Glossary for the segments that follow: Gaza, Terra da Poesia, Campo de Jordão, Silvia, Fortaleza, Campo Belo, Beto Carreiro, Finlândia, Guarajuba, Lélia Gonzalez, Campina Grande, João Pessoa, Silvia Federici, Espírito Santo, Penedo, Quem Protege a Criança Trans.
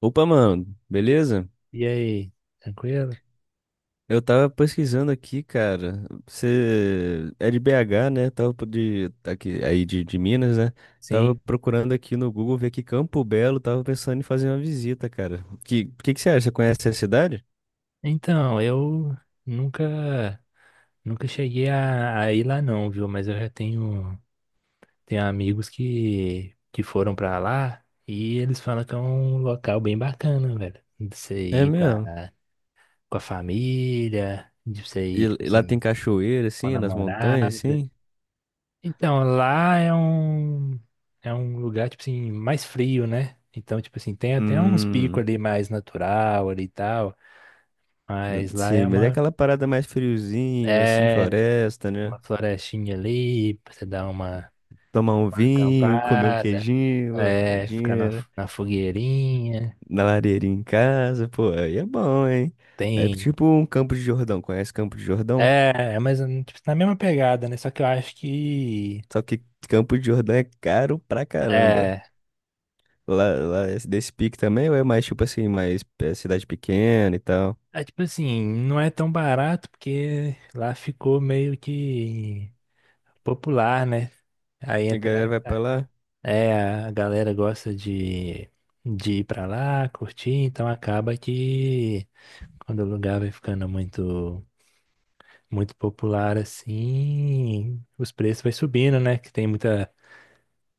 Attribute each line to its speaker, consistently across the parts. Speaker 1: Opa, mano, beleza?
Speaker 2: E aí, tranquilo?
Speaker 1: Eu tava pesquisando aqui, cara. Você é de BH, né? De aqui aí de Minas, né? Tava
Speaker 2: Sim.
Speaker 1: procurando aqui no Google ver que Campo Belo, tava pensando em fazer uma visita, cara. Que que você acha? Você conhece a cidade?
Speaker 2: Então, eu nunca nunca cheguei a ir lá não, viu? Mas eu já tenho amigos que foram pra lá e eles falam que é um local bem bacana, velho. De você
Speaker 1: É
Speaker 2: ir
Speaker 1: mesmo.
Speaker 2: com a família, de você
Speaker 1: E,
Speaker 2: ir, tipo
Speaker 1: e lá tem
Speaker 2: assim,
Speaker 1: cachoeira
Speaker 2: com a
Speaker 1: assim, nas montanhas
Speaker 2: namorada.
Speaker 1: assim?
Speaker 2: Então, lá é um lugar tipo assim mais frio, né? Então, tipo assim, tem até uns picos
Speaker 1: Hum,
Speaker 2: ali mais natural ali e tal. Mas lá é
Speaker 1: sim, mas é
Speaker 2: uma
Speaker 1: aquela parada mais friozinho assim,
Speaker 2: É,
Speaker 1: floresta, né?
Speaker 2: uma florestinha ali pra você dar
Speaker 1: Tomar um
Speaker 2: uma
Speaker 1: vinho, comer um
Speaker 2: acampada,
Speaker 1: queijinho, uma
Speaker 2: é, ficar
Speaker 1: paradinha, né?
Speaker 2: na fogueirinha.
Speaker 1: Na lareira em casa, pô, aí é bom, hein? É
Speaker 2: Tem.
Speaker 1: tipo um Campo de Jordão. Conhece Campo de Jordão?
Speaker 2: É, mas tipo, na mesma pegada, né? Só que eu acho que.
Speaker 1: Só que Campo de Jordão é caro pra caramba.
Speaker 2: É,
Speaker 1: Lá é desse pique também, ou é mais tipo assim, mais é, cidade pequena e tal?
Speaker 2: é tipo assim, não é tão barato porque lá ficou meio que popular, né? Aí
Speaker 1: E a
Speaker 2: entra,
Speaker 1: galera
Speaker 2: né?
Speaker 1: vai pra lá?
Speaker 2: É, é, a galera gosta de ir pra lá, curtir, então acaba que quando o lugar vai ficando muito. Muito popular assim, os preços vai subindo, né? Que tem muita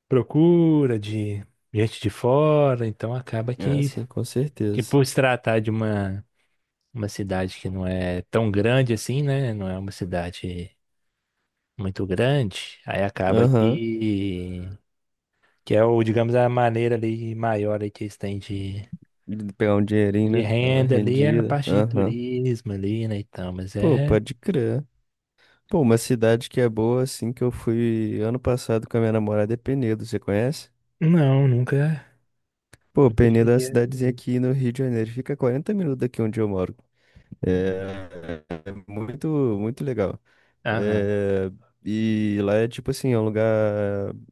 Speaker 2: procura de gente de fora, então acaba
Speaker 1: Ah, sim, com
Speaker 2: que
Speaker 1: certeza.
Speaker 2: por se tratar de uma cidade que não é tão grande assim, né? Não é uma cidade muito grande, aí acaba
Speaker 1: Aham.
Speaker 2: que é o, digamos, a maneira ali maior aí que eles têm
Speaker 1: De pegar um dinheirinho,
Speaker 2: de
Speaker 1: né? Dar uma
Speaker 2: renda ali é a
Speaker 1: rendida.
Speaker 2: parte de
Speaker 1: Aham.
Speaker 2: turismo ali, né? Então, mas
Speaker 1: Pô,
Speaker 2: é.
Speaker 1: pode crer. Pô, uma cidade que é boa, assim, que eu fui ano passado com a minha namorada é Penedo, você conhece?
Speaker 2: Não, nunca,
Speaker 1: Pô,
Speaker 2: nunca
Speaker 1: Penedo é uma
Speaker 2: cheguei a
Speaker 1: cidadezinha
Speaker 2: ver.
Speaker 1: aqui no Rio de Janeiro. Fica 40 minutos daqui onde eu moro. É muito legal.
Speaker 2: Aham.
Speaker 1: É, e lá é tipo assim, é um lugar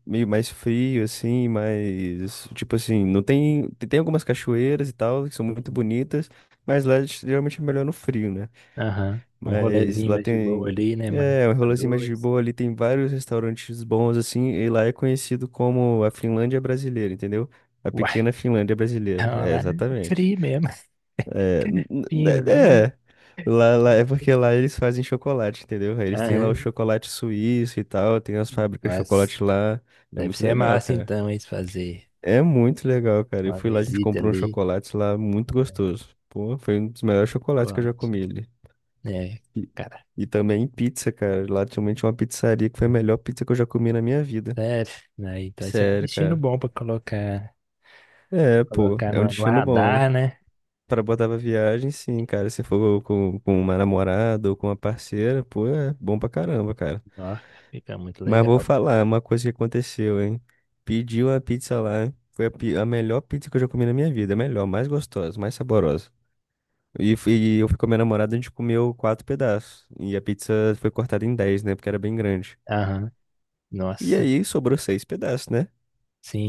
Speaker 1: meio mais frio, assim, mas tipo assim, não tem. Tem algumas cachoeiras e tal, que são muito bonitas, mas lá é geralmente é melhor no frio, né?
Speaker 2: Aham. Um
Speaker 1: Mas
Speaker 2: rolezinho
Speaker 1: lá
Speaker 2: mais de boa
Speaker 1: tem.
Speaker 2: ali, né? Mais
Speaker 1: É, um
Speaker 2: a
Speaker 1: rolezinho mais de
Speaker 2: dois.
Speaker 1: boa ali, tem vários restaurantes bons, assim, e lá é conhecido como a Finlândia brasileira, entendeu? A
Speaker 2: Uai,
Speaker 1: pequena Finlândia brasileira.
Speaker 2: vamos
Speaker 1: É,
Speaker 2: lá no
Speaker 1: exatamente.
Speaker 2: frio mesmo. Fino, viu?
Speaker 1: É. É porque lá eles fazem chocolate, entendeu? Aí eles têm lá o
Speaker 2: Aham.
Speaker 1: chocolate suíço e tal, tem as fábricas de
Speaker 2: Mas
Speaker 1: chocolate lá. É
Speaker 2: deve
Speaker 1: muito
Speaker 2: ser
Speaker 1: legal,
Speaker 2: massa
Speaker 1: cara.
Speaker 2: então, eles fazer
Speaker 1: É muito legal, cara. Eu
Speaker 2: uma
Speaker 1: fui lá, a gente
Speaker 2: visita
Speaker 1: comprou um
Speaker 2: ali,
Speaker 1: chocolate lá muito
Speaker 2: comprar um
Speaker 1: gostoso. Pô, foi um dos melhores chocolates que eu já
Speaker 2: chocolate.
Speaker 1: comi ali.
Speaker 2: É,
Speaker 1: E,
Speaker 2: cara,
Speaker 1: e também pizza, cara. Lá também tinha uma pizzaria que foi a melhor pizza que eu já comi na minha vida.
Speaker 2: sério. Né? Então esse é um
Speaker 1: Sério,
Speaker 2: destino
Speaker 1: cara.
Speaker 2: bom pra colocar,
Speaker 1: É, pô,
Speaker 2: colocar
Speaker 1: é um
Speaker 2: no
Speaker 1: destino bom.
Speaker 2: radar, né?
Speaker 1: Pra botar pra viagem, sim, cara. Se for com uma namorada ou com uma parceira, pô, é bom pra caramba, cara.
Speaker 2: Nossa, fica muito
Speaker 1: Mas vou
Speaker 2: legal.
Speaker 1: falar uma coisa que aconteceu, hein? Pedi uma pizza lá. Foi a melhor pizza que eu já comi na minha vida. A melhor, mais gostosa, mais saborosa. E eu fui com a minha namorada, a gente comeu quatro pedaços. E a pizza foi cortada em dez, né? Porque era bem grande.
Speaker 2: Aham.
Speaker 1: E
Speaker 2: Nossa,
Speaker 1: aí sobrou seis pedaços, né?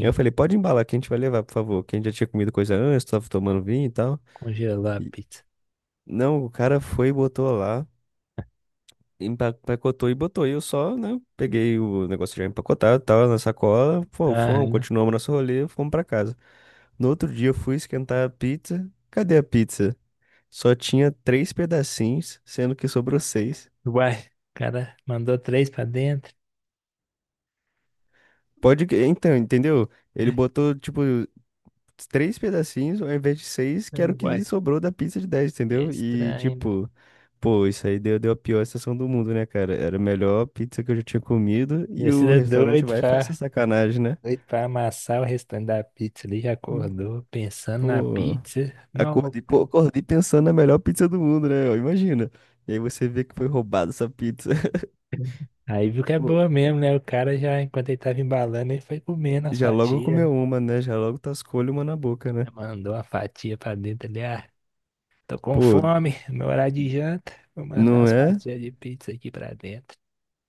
Speaker 1: Eu falei, pode embalar que a gente vai levar, por favor. Que a gente já tinha comido coisa antes, tava tomando vinho e tal.
Speaker 2: Congelar a
Speaker 1: E-
Speaker 2: pizza.
Speaker 1: Não, o cara foi e botou lá, empacotou e botou. E eu só, né, peguei o negócio já empacotado, tal, na sacola. Pô, fomos,
Speaker 2: Aham.
Speaker 1: continuamos nosso rolê, fomos pra casa. No outro dia eu fui esquentar a pizza. Cadê a pizza? Só tinha três pedacinhos, sendo que sobrou seis.
Speaker 2: Uai, o cara mandou três pra dentro.
Speaker 1: Então, entendeu? Ele botou, tipo, três pedacinhos ao invés de seis,
Speaker 2: É,
Speaker 1: que era o
Speaker 2: uai.
Speaker 1: que sobrou da pizza de dez,
Speaker 2: É
Speaker 1: entendeu? E,
Speaker 2: estranho, né?
Speaker 1: tipo, pô, isso aí deu a pior sensação do mundo, né, cara? Era a melhor pizza que eu já tinha comido e o
Speaker 2: Descida é
Speaker 1: restaurante vai e faz essa sacanagem, né?
Speaker 2: doido pra amassar o restante da pizza ali, já acordou pensando na
Speaker 1: Pô,
Speaker 2: pizza. Não, vou...
Speaker 1: pô,
Speaker 2: co-
Speaker 1: acordei pensando na melhor pizza do mundo, né? Ó, imagina. E aí você vê que foi roubada essa pizza.
Speaker 2: Aí viu que é
Speaker 1: Pô,
Speaker 2: boa mesmo, né? O cara já, enquanto ele tava embalando, ele foi comendo as
Speaker 1: já logo
Speaker 2: fatias, né?
Speaker 1: comeu uma, né? Já logo tascou-lhe uma na boca, né?
Speaker 2: Já mandou a fatia pra dentro ali, ah, tô com
Speaker 1: Pô,
Speaker 2: fome, meu horário de janta, vou mandar
Speaker 1: não
Speaker 2: as
Speaker 1: é?
Speaker 2: fatias de pizza aqui pra dentro.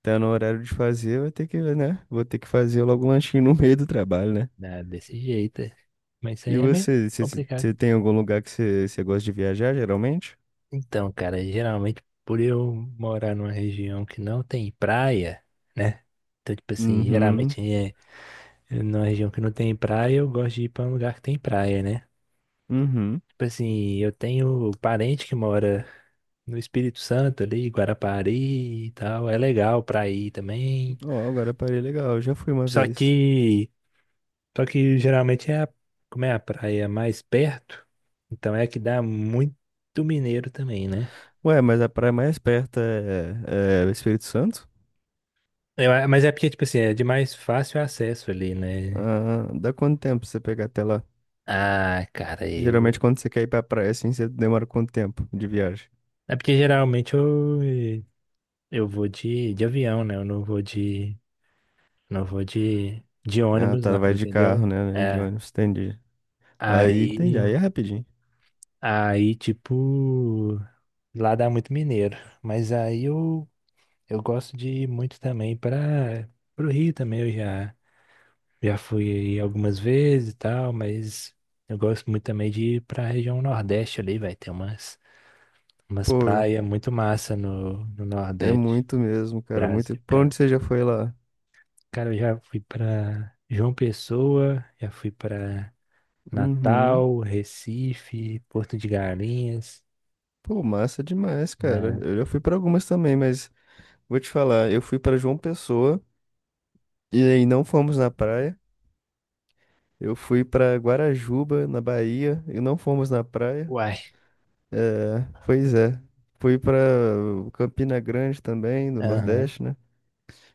Speaker 1: Tá no horário de fazer, vai ter que, né? Vou ter que fazer logo um lanchinho no meio do trabalho, né?
Speaker 2: Dá desse jeito, é. Mas isso aí
Speaker 1: E
Speaker 2: é meio complicado.
Speaker 1: você tem algum lugar que você gosta de viajar, geralmente?
Speaker 2: Então, cara, geralmente por eu morar numa região que não tem praia, né? Então, tipo assim,
Speaker 1: Uhum,
Speaker 2: geralmente é numa região que não tem praia, eu gosto de ir pra um lugar que tem praia, né?
Speaker 1: uhum.
Speaker 2: Tipo assim, eu tenho parente que mora no Espírito Santo ali, Guarapari e tal, é legal pra ir também.
Speaker 1: Ó, agora a parei legal, eu já fui uma
Speaker 2: Só
Speaker 1: vez.
Speaker 2: que, só que geralmente é como é a praia mais perto, então é a que dá muito mineiro também, né?
Speaker 1: Ué, mas a praia mais perto é Espírito Santo?
Speaker 2: Mas é porque, tipo assim, é de mais fácil acesso ali, né?
Speaker 1: Ah, dá quanto tempo pra você pegar até lá?
Speaker 2: Ah, cara,
Speaker 1: Geralmente
Speaker 2: eu.
Speaker 1: quando você quer ir pra praia, assim, você demora quanto tempo de viagem?
Speaker 2: É porque geralmente eu vou de avião, né? Eu não vou de. Não vou de
Speaker 1: Ah,
Speaker 2: ônibus,
Speaker 1: tá,
Speaker 2: não,
Speaker 1: vai de carro,
Speaker 2: entendeu?
Speaker 1: né? Né, de
Speaker 2: É.
Speaker 1: ônibus, entendi. Aí,
Speaker 2: Aí.
Speaker 1: entendi, aí é rapidinho.
Speaker 2: Aí, tipo. Lá dá muito mineiro. Mas aí eu, eu gosto de ir muito também para pro Rio também. Já fui aí algumas vezes e tal, mas eu gosto muito também de ir pra região Nordeste ali, vai ter umas. Umas
Speaker 1: Pô, eu-
Speaker 2: praias muito massa no
Speaker 1: é
Speaker 2: Nordeste
Speaker 1: muito mesmo,
Speaker 2: do
Speaker 1: cara, muito.
Speaker 2: Brasil,
Speaker 1: Pra onde
Speaker 2: cara.
Speaker 1: você já foi lá?
Speaker 2: Cara, eu já fui pra João Pessoa, já fui pra
Speaker 1: Uhum.
Speaker 2: Natal, Recife, Porto de Galinhas,
Speaker 1: Pô, massa demais, cara.
Speaker 2: né?
Speaker 1: Eu já fui pra algumas também, mas vou te falar, eu fui pra João Pessoa e aí não fomos na praia. Eu fui pra Guarajuba, na Bahia, e não fomos na praia.
Speaker 2: Uai,
Speaker 1: É, pois é. Fui pra Campina Grande também, no
Speaker 2: aham.
Speaker 1: Nordeste, né?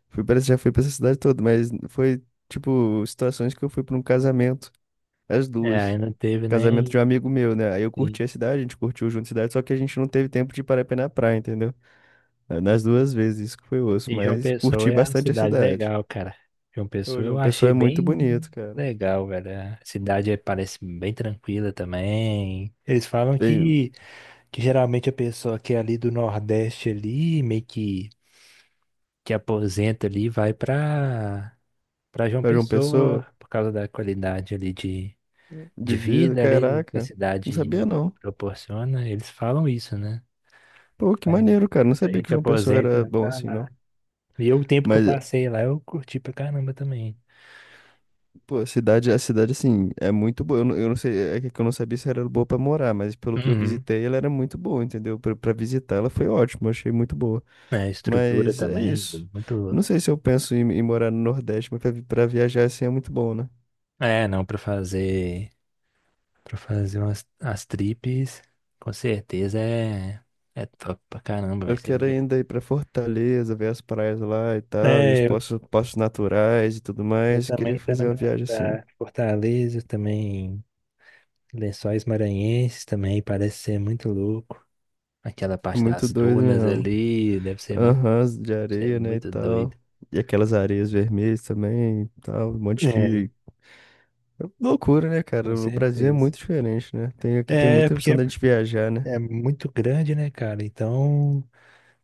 Speaker 1: Fui para já fui pra essa cidade toda, mas foi tipo situações que eu fui pra um casamento, as
Speaker 2: É, aí
Speaker 1: duas.
Speaker 2: não teve
Speaker 1: Casamento de um amigo meu, né? Aí eu
Speaker 2: nem-
Speaker 1: curti a cidade, a gente curtiu junto a cidade, só que a gente não teve tempo de parar pra ir na praia, entendeu? Nas duas vezes, isso que foi osso,
Speaker 2: E João
Speaker 1: mas
Speaker 2: Pessoa
Speaker 1: curti
Speaker 2: é uma
Speaker 1: bastante a
Speaker 2: cidade
Speaker 1: cidade.
Speaker 2: legal, cara. João
Speaker 1: Ô,
Speaker 2: Pessoa eu
Speaker 1: João Pessoa
Speaker 2: achei
Speaker 1: é muito
Speaker 2: bem
Speaker 1: bonito, cara.
Speaker 2: legal, velho. A cidade parece bem tranquila também. Eles falam
Speaker 1: Bem,
Speaker 2: que geralmente a pessoa que é ali do Nordeste ali, meio que aposenta ali vai para João
Speaker 1: pra João
Speaker 2: Pessoa
Speaker 1: Pessoa,
Speaker 2: por causa da qualidade ali
Speaker 1: de
Speaker 2: de
Speaker 1: vida,
Speaker 2: vida ali que a
Speaker 1: caraca, não sabia
Speaker 2: cidade
Speaker 1: não.
Speaker 2: proporciona. Eles falam isso, né?
Speaker 1: Pô, que
Speaker 2: Vai,
Speaker 1: maneiro, cara, não
Speaker 2: muita
Speaker 1: sabia que
Speaker 2: gente
Speaker 1: João Pessoa
Speaker 2: aposenta e
Speaker 1: era
Speaker 2: vai
Speaker 1: bom
Speaker 2: pra
Speaker 1: assim,
Speaker 2: lá.
Speaker 1: não.
Speaker 2: E eu, o tempo que eu
Speaker 1: Mas,
Speaker 2: passei lá, eu curti pra caramba também.
Speaker 1: pô, a cidade, assim, é muito boa. Eu não sei, é que eu não sabia se era boa pra morar, mas pelo que eu
Speaker 2: Uhum.
Speaker 1: visitei, ela era muito boa, entendeu? Pra visitar, ela foi ótima, achei muito boa.
Speaker 2: É, a estrutura
Speaker 1: Mas é
Speaker 2: também,
Speaker 1: isso.
Speaker 2: muito.
Speaker 1: Não sei se eu penso em morar no Nordeste, mas pra viajar, assim, é muito bom, né?
Speaker 2: É, não, pra fazer para fazer umas as trips, com certeza é top pra caramba,
Speaker 1: Eu
Speaker 2: vai ser.
Speaker 1: quero ainda ir pra Fortaleza, ver as praias lá e tal, e os
Speaker 2: É,
Speaker 1: poços naturais e tudo
Speaker 2: eu
Speaker 1: mais. Queria
Speaker 2: também tô no
Speaker 1: fazer uma
Speaker 2: meu
Speaker 1: viagem assim.
Speaker 2: radar. Fortaleza também, Lençóis Maranhenses também, parece ser muito louco. Aquela
Speaker 1: É
Speaker 2: parte
Speaker 1: muito
Speaker 2: das
Speaker 1: doido
Speaker 2: dunas
Speaker 1: mesmo.
Speaker 2: ali, deve
Speaker 1: Aham, de
Speaker 2: ser
Speaker 1: areia, né, e
Speaker 2: muito doido.
Speaker 1: tal. E aquelas areias vermelhas também, e tal, um
Speaker 2: É,
Speaker 1: monte. Loucura, né,
Speaker 2: com
Speaker 1: cara? O Brasil é
Speaker 2: certeza.
Speaker 1: muito diferente, né? Tem, aqui tem
Speaker 2: É,
Speaker 1: muita
Speaker 2: porque
Speaker 1: opção da gente viajar, né?
Speaker 2: é muito grande, né, cara? Então,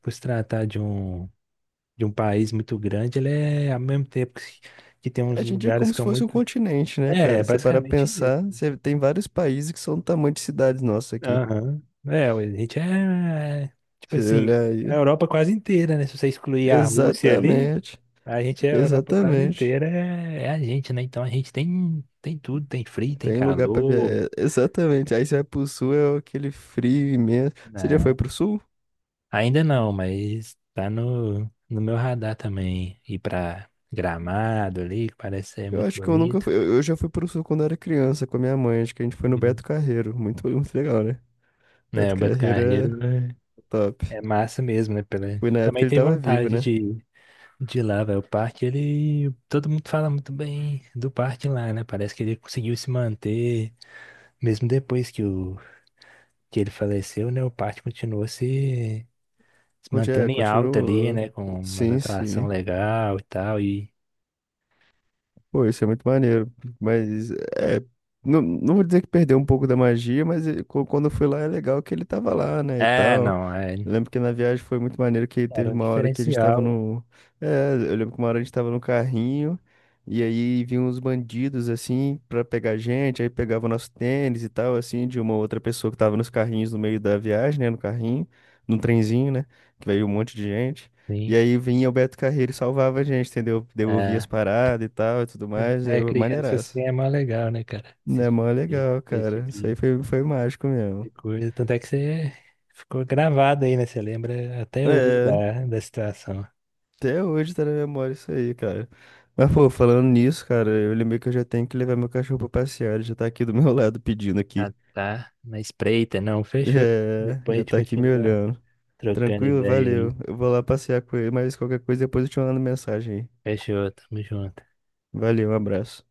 Speaker 2: por se tratar de de um país muito grande, ele é, ao mesmo tempo que tem uns
Speaker 1: A gente é
Speaker 2: lugares
Speaker 1: como
Speaker 2: que
Speaker 1: se
Speaker 2: são
Speaker 1: fosse um
Speaker 2: muito...
Speaker 1: continente, né,
Speaker 2: É,
Speaker 1: cara? Você para
Speaker 2: basicamente
Speaker 1: pensar, você tem vários países que são do tamanho de cidades nossas aqui.
Speaker 2: aham. É, a gente é. É, tipo
Speaker 1: Você
Speaker 2: assim,
Speaker 1: olhar
Speaker 2: a
Speaker 1: aí.
Speaker 2: Europa quase inteira, né? Se você excluir a Rússia ali,
Speaker 1: Exatamente.
Speaker 2: a gente é a Europa quase
Speaker 1: Exatamente.
Speaker 2: inteira, é, é a gente, né? Então a gente tem, tem tudo, tem frio, tem
Speaker 1: Tem lugar pra
Speaker 2: calor,
Speaker 1: viajar. Exatamente. Aí você vai pro sul, é aquele frio imenso. Você já foi
Speaker 2: né?
Speaker 1: pro sul?
Speaker 2: Ainda não, mas tá no meu radar também. Ir pra Gramado ali, que parece ser
Speaker 1: Eu
Speaker 2: muito
Speaker 1: acho que eu nunca
Speaker 2: bonito.
Speaker 1: fui. Eu já fui pro sul quando eu era criança com a minha mãe. Acho que a gente foi no
Speaker 2: Uhum.
Speaker 1: Beto Carreiro. Muito legal, né?
Speaker 2: É,
Speaker 1: Beto
Speaker 2: o
Speaker 1: Carreiro é top.
Speaker 2: É massa mesmo, né? Pela...
Speaker 1: Foi na
Speaker 2: Eu
Speaker 1: época que
Speaker 2: também
Speaker 1: ele
Speaker 2: tenho
Speaker 1: tava vivo,
Speaker 2: vontade
Speaker 1: né?
Speaker 2: de ir. De lá, velho, o parque, ele. Todo mundo fala muito bem do parque lá, né? Parece que ele conseguiu se manter, mesmo depois que, o... que ele faleceu, né? O parque continuou se... se
Speaker 1: É,
Speaker 2: mantendo em alta ali,
Speaker 1: continuou.
Speaker 2: né? Com uma
Speaker 1: Sim,
Speaker 2: atração
Speaker 1: sim.
Speaker 2: legal e tal. E.
Speaker 1: Pô, isso é muito maneiro. Mas, é. Não, não vou dizer que perdeu um pouco da magia, mas quando eu fui lá é legal que ele tava lá, né? E
Speaker 2: É,
Speaker 1: tal.
Speaker 2: não, é...
Speaker 1: Eu lembro que na viagem foi muito maneiro que teve
Speaker 2: era um
Speaker 1: uma hora que a gente tava
Speaker 2: diferencial, né?
Speaker 1: no. É, eu lembro que uma hora a gente tava no carrinho e aí vinham uns bandidos assim pra pegar a gente, aí pegava o nosso tênis e tal, assim, de uma outra pessoa que tava nos carrinhos no meio da viagem, né? No carrinho, no trenzinho, né? Que veio um monte de gente. E
Speaker 2: Sim.
Speaker 1: aí vinha o Beto Carreiro e salvava a gente, entendeu? Devolvia as
Speaker 2: É.
Speaker 1: paradas e tal e tudo
Speaker 2: Quando
Speaker 1: mais.
Speaker 2: você
Speaker 1: É
Speaker 2: é criança, assim,
Speaker 1: maneiraço.
Speaker 2: é mais legal, né, cara?
Speaker 1: É mó legal,
Speaker 2: Esse
Speaker 1: cara.
Speaker 2: tipo
Speaker 1: Isso aí foi, foi mágico
Speaker 2: de
Speaker 1: mesmo.
Speaker 2: coisa. Tanto é que você ficou gravado aí, né? Você lembra até hoje
Speaker 1: É.
Speaker 2: da situação.
Speaker 1: Até hoje tá na memória isso aí, cara. Mas, pô, falando nisso, cara, eu lembrei que eu já tenho que levar meu cachorro pra passear. Ele já tá aqui do meu lado pedindo aqui.
Speaker 2: Ah, tá. Na espreita, não. Fechou.
Speaker 1: É,
Speaker 2: Depois a
Speaker 1: já
Speaker 2: gente
Speaker 1: tá aqui me
Speaker 2: continua
Speaker 1: olhando.
Speaker 2: trocando
Speaker 1: Tranquilo,
Speaker 2: ideia
Speaker 1: valeu.
Speaker 2: aí.
Speaker 1: Eu vou lá passear com ele, mas qualquer coisa depois eu te mando mensagem aí.
Speaker 2: Fechou, tamo junto.
Speaker 1: Valeu, um abraço.